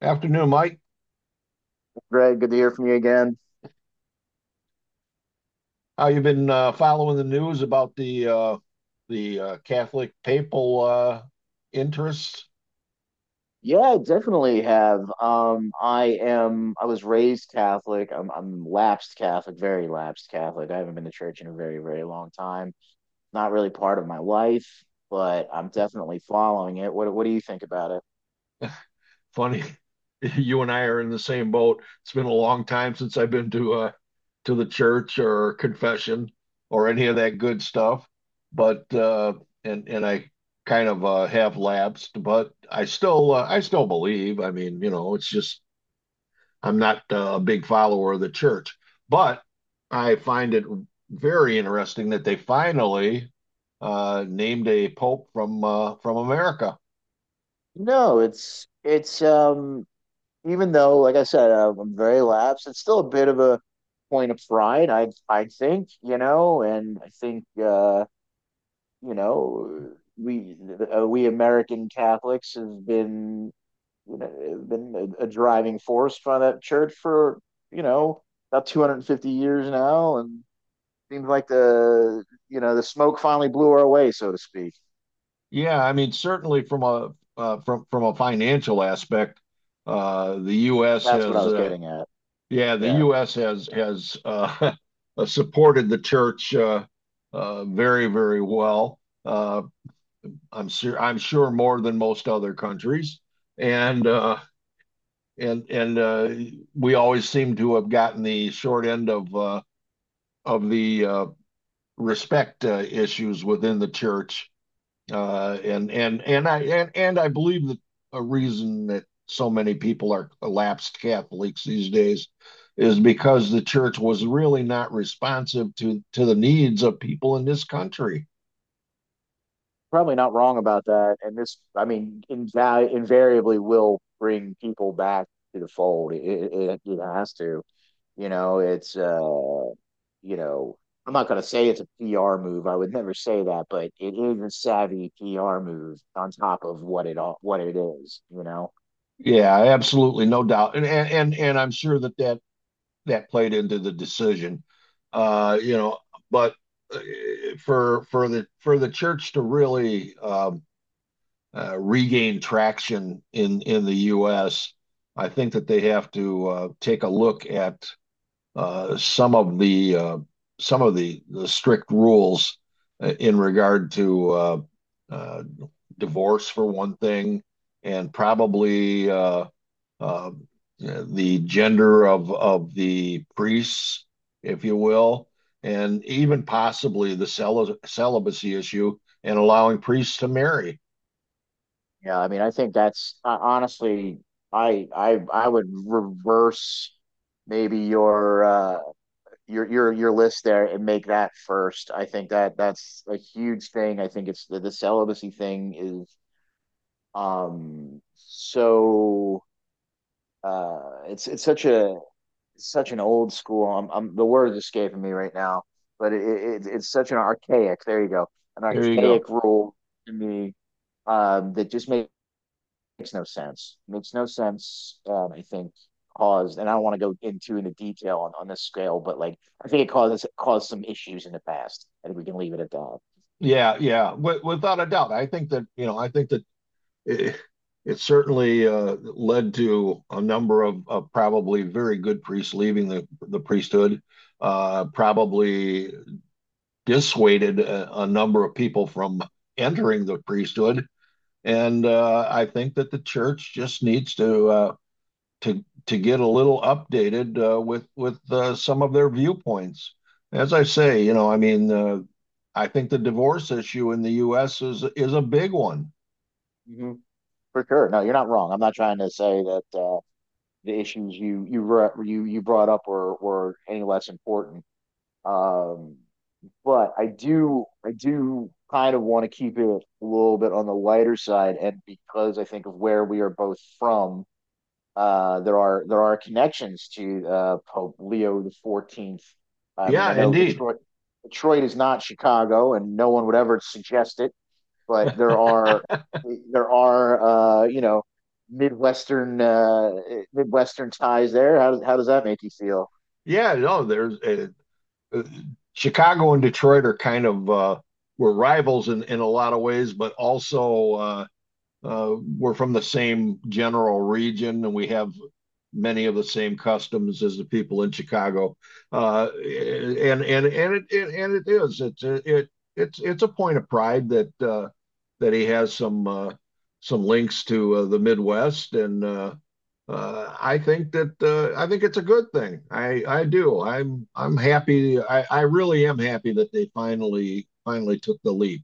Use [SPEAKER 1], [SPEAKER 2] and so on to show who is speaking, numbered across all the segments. [SPEAKER 1] Afternoon, Mike.
[SPEAKER 2] Greg, good to hear from you again.
[SPEAKER 1] How you been following the news about the Catholic papal interests?
[SPEAKER 2] Yeah, I definitely have. I am. I was raised Catholic. I'm lapsed Catholic, very lapsed Catholic. I haven't been to church in a very, very long time. Not really part of my life, but I'm definitely following it. What do you think about it?
[SPEAKER 1] Funny, you and I are in the same boat. It's been a long time since I've been to the church or confession or any of that good stuff. But and I kind of have lapsed, but I still believe. I mean, you know, it's just I'm not a big follower of the church, but I find it very interesting that they finally named a pope from America.
[SPEAKER 2] No, it's even though, like I said, I'm very lapsed. It's still a bit of a point of pride, I think, you know, and I think you know, we we American Catholics have been, you know, been a driving force for that church for, you know, about 250 years now, and seems like the, you know, the smoke finally blew our way, so to speak.
[SPEAKER 1] Yeah, I mean, certainly from a from from a financial aspect, the U.S.
[SPEAKER 2] That's what I
[SPEAKER 1] has
[SPEAKER 2] was getting at.
[SPEAKER 1] yeah, the
[SPEAKER 2] Yeah,
[SPEAKER 1] U.S. has supported the church very very well. I'm sure more than most other countries, and uh, and we always seem to have gotten the short end of the respect issues within the church. And I believe that a reason that so many people are lapsed Catholics these days is because the church was really not responsive to the needs of people in this country.
[SPEAKER 2] probably not wrong about that. And this, I mean, invariably will bring people back to the fold. It has to. You know, it's you know, I'm not going to say it's a PR move. I would never say that, but it is a savvy PR move on top of what it is. You know,
[SPEAKER 1] Yeah, absolutely, no doubt. And I'm sure that that played into the decision. You know, but uh, for the church to really regain traction in the U.S., I think that they have to take a look at uh, some of the uh, some of the strict rules in regard to uh, divorce, for one thing, and probably uh, the gender of the priests, if you will, and even possibly the celibacy issue and allowing priests to marry.
[SPEAKER 2] yeah. I mean, I think that's honestly, I would reverse maybe your your list there and make that first. I think that that's a huge thing. I think it's the celibacy thing is um so it's such a such an old school. I'm The word is escaping me right now, but it's such an archaic. There you go, an
[SPEAKER 1] There you go.
[SPEAKER 2] archaic rule to me, that just makes no sense. Makes no sense. I think caused, and I don't want to go into detail on this scale, but like I think it caused, some issues in the past. I think we can leave it at that.
[SPEAKER 1] Yeah, without a doubt. I think that you know, I think that it, it certainly led to a number of probably very good priests leaving the priesthood. Probably dissuaded a number of people from entering the priesthood. And I think that the church just needs to get a little updated with some of their viewpoints. As I say, you know, I mean, I think the divorce issue in the U.S. Is a big one.
[SPEAKER 2] Hmm. For sure. No, you're not wrong. I'm not trying to say that the issues you you re- you brought up were any less important. Um, But I do kind of want to keep it a little bit on the lighter side, and because I think of where we are both from, there are connections to Pope Leo the XIV. I mean,
[SPEAKER 1] Yeah,
[SPEAKER 2] I know
[SPEAKER 1] indeed.
[SPEAKER 2] Detroit is not Chicago, and no one would ever suggest it, but there are you know, Midwestern uh, Midwestern ties there. How does that make you feel?
[SPEAKER 1] Yeah, no, there's uh, Chicago and Detroit are kind of were rivals in a lot of ways, but also uh, we're from the same general region and we have many of the same customs as the people in Chicago. And it, it and it is it's it it's a point of pride that that he has some links to the Midwest. And I think that I think it's a good thing. I do. I'm happy. I really am happy that they finally took the leap.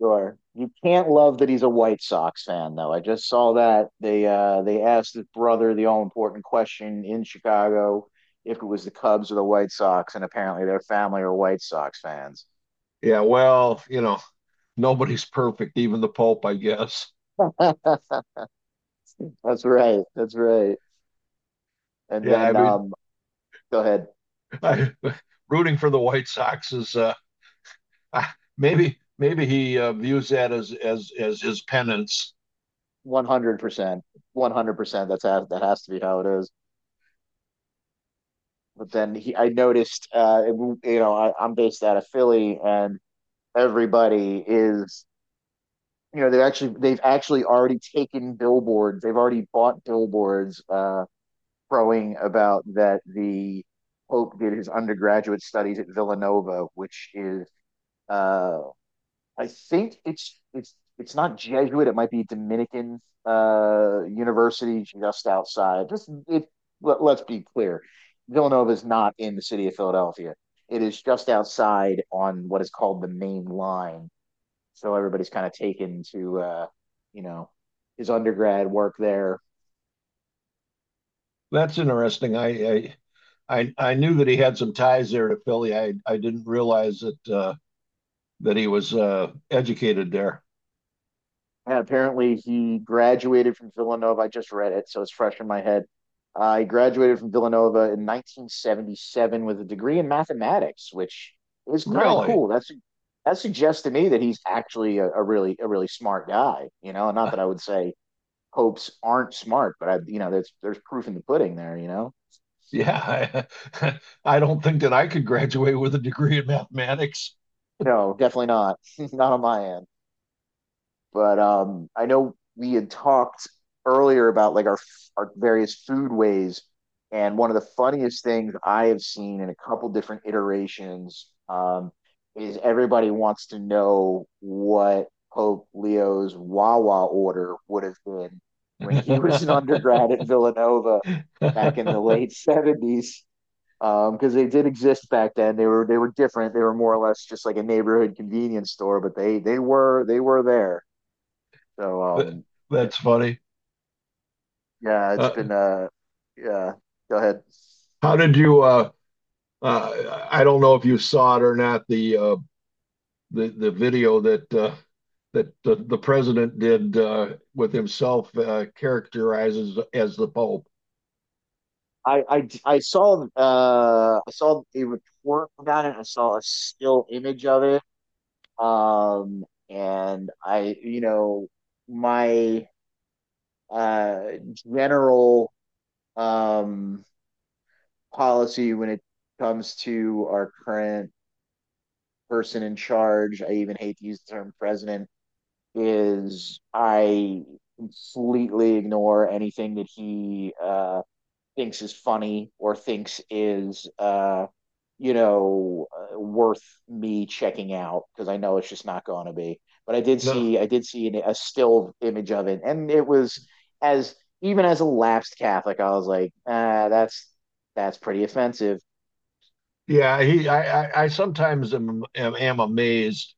[SPEAKER 2] Sure. You can't love that he's a White Sox fan, though. I just saw that they asked his brother the all important question in Chicago if it was the Cubs or the White Sox, and apparently their family are White Sox fans.
[SPEAKER 1] Yeah, well, you know, nobody's perfect, even the Pope, I guess.
[SPEAKER 2] That's right. That's right. And
[SPEAKER 1] Yeah, I
[SPEAKER 2] then
[SPEAKER 1] mean,
[SPEAKER 2] go ahead.
[SPEAKER 1] I, rooting for the White Sox is maybe he views that as his penance.
[SPEAKER 2] 100%. 100%, that's how, that has to be how it is. But then I noticed you know, I'm based out of Philly and everybody is, you know, they've actually already taken billboards they've already bought billboards, crowing about that the pope did his undergraduate studies at Villanova, which is uh I think it's not Jesuit, it might be Dominican, university just outside. Just it Let, let's be clear, Villanova is not in the city of Philadelphia. It is just outside on what is called the Main Line. So everybody's kind of taken to, you know, his undergrad work there.
[SPEAKER 1] That's interesting. I knew that he had some ties there to Philly. I didn't realize that that he was educated there.
[SPEAKER 2] And apparently, he graduated from Villanova. I just read it, so it's fresh in my head. He graduated from Villanova in 1977 with a degree in mathematics, which is kind of
[SPEAKER 1] Really?
[SPEAKER 2] cool. That's, that suggests to me that he's actually a really, a really smart guy. You know, not
[SPEAKER 1] Uh,
[SPEAKER 2] that I would say hopes aren't smart, but you know, there's proof in the pudding there. You know,
[SPEAKER 1] Yeah, I, I don't think that I could graduate with a degree in mathematics.
[SPEAKER 2] no, definitely not, not on my end. But I know we had talked earlier about like our various food ways, and one of the funniest things I have seen in a couple different iterations, is everybody wants to know what Pope Leo's Wawa order would have been when he was an undergrad at Villanova back in the late 70s, because they did exist back then. They were, different. They were more or less just like a neighborhood convenience store, but they were there. So
[SPEAKER 1] Th- That's funny.
[SPEAKER 2] yeah, it's
[SPEAKER 1] Uh,
[SPEAKER 2] been yeah. Go ahead.
[SPEAKER 1] how did you? I don't know if you saw it or not. The the video that that the president did with himself characterizes as the Pope.
[SPEAKER 2] I, I, I saw a report about it. I saw a still image of it. And you know, my uh general um policy when it comes to our current person in charge, I even hate to use the term president, is I completely ignore anything that he thinks is funny or thinks is, you know, worth me checking out because I know it's just not going to be. But
[SPEAKER 1] No,
[SPEAKER 2] I did see a still image of it, and it was, as, even as a lapsed Catholic, I was like, ah, that's pretty offensive.
[SPEAKER 1] yeah, he. I sometimes am, am amazed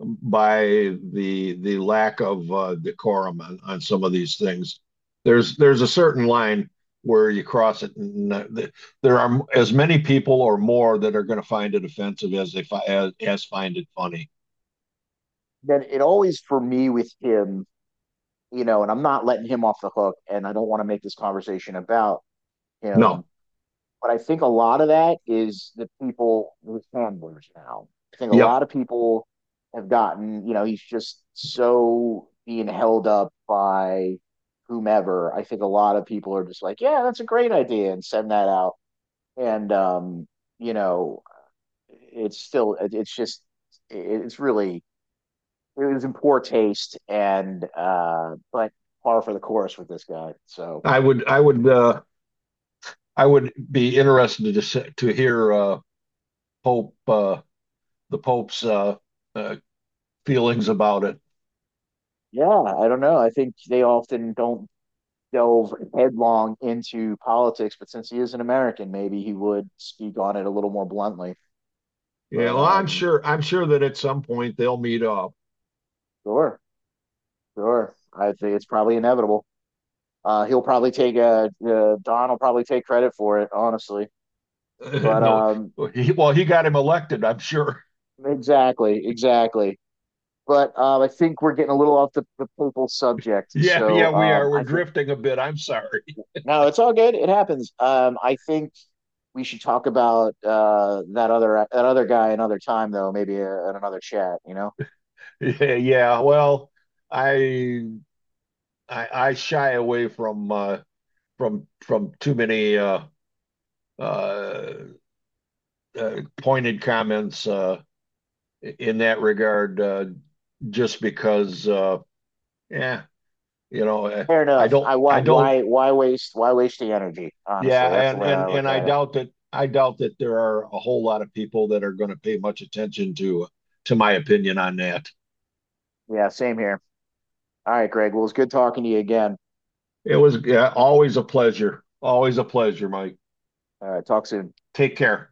[SPEAKER 1] by the lack of decorum on some of these things. There's a certain line where you cross it, and there are as many people or more that are going to find it offensive as they as find it funny.
[SPEAKER 2] Then it always for me with him, you know, and I'm not letting him off the hook, and I don't want to make this conversation about him.
[SPEAKER 1] No,
[SPEAKER 2] But I think a lot of that is the people, with handlers now. I think a
[SPEAKER 1] yep,
[SPEAKER 2] lot of people have gotten, you know, he's just so being held up by whomever. I think a lot of people are just like, yeah, that's a great idea and send that out. And, you know, it's just, it's really, it was in poor taste and, but par for the course with this guy. So,
[SPEAKER 1] I would I would uh, I would be interested to hear Pope the Pope's uh, feelings about it.
[SPEAKER 2] yeah, I don't know. I think they often don't delve headlong into politics, but since he is an American, maybe he would speak on it a little more bluntly.
[SPEAKER 1] Yeah,
[SPEAKER 2] But
[SPEAKER 1] well, I'm sure that at some point they'll meet up.
[SPEAKER 2] sure, sure, I think it's probably inevitable. He'll probably take Don will probably take credit for it, honestly. But
[SPEAKER 1] No, well, he got him elected, I'm sure.
[SPEAKER 2] exactly, exactly. But I think we're getting a little off the papal subject.
[SPEAKER 1] Yeah, yeah,
[SPEAKER 2] So
[SPEAKER 1] we are. We're
[SPEAKER 2] I think
[SPEAKER 1] drifting a bit. I'm sorry.
[SPEAKER 2] no, it's all good. It happens. I think we should talk about that other guy another time though, maybe in another chat, you know.
[SPEAKER 1] Yeah, yeah. Well, I I shy away from from too many uh, pointed comments in that regard, just because, yeah, you know,
[SPEAKER 2] Fair enough. I
[SPEAKER 1] I don't,
[SPEAKER 2] why why waste the energy? Honestly,
[SPEAKER 1] yeah,
[SPEAKER 2] that's the
[SPEAKER 1] and
[SPEAKER 2] way I
[SPEAKER 1] and
[SPEAKER 2] look
[SPEAKER 1] and I
[SPEAKER 2] at it.
[SPEAKER 1] doubt that, I doubt that there are a whole lot of people that are going to pay much attention to my opinion on that.
[SPEAKER 2] Yeah, same here. All right, Greg. Well, it's good talking to you again.
[SPEAKER 1] It was yeah, always a pleasure. Always a pleasure, Mike.
[SPEAKER 2] All right, talk soon.
[SPEAKER 1] Take care.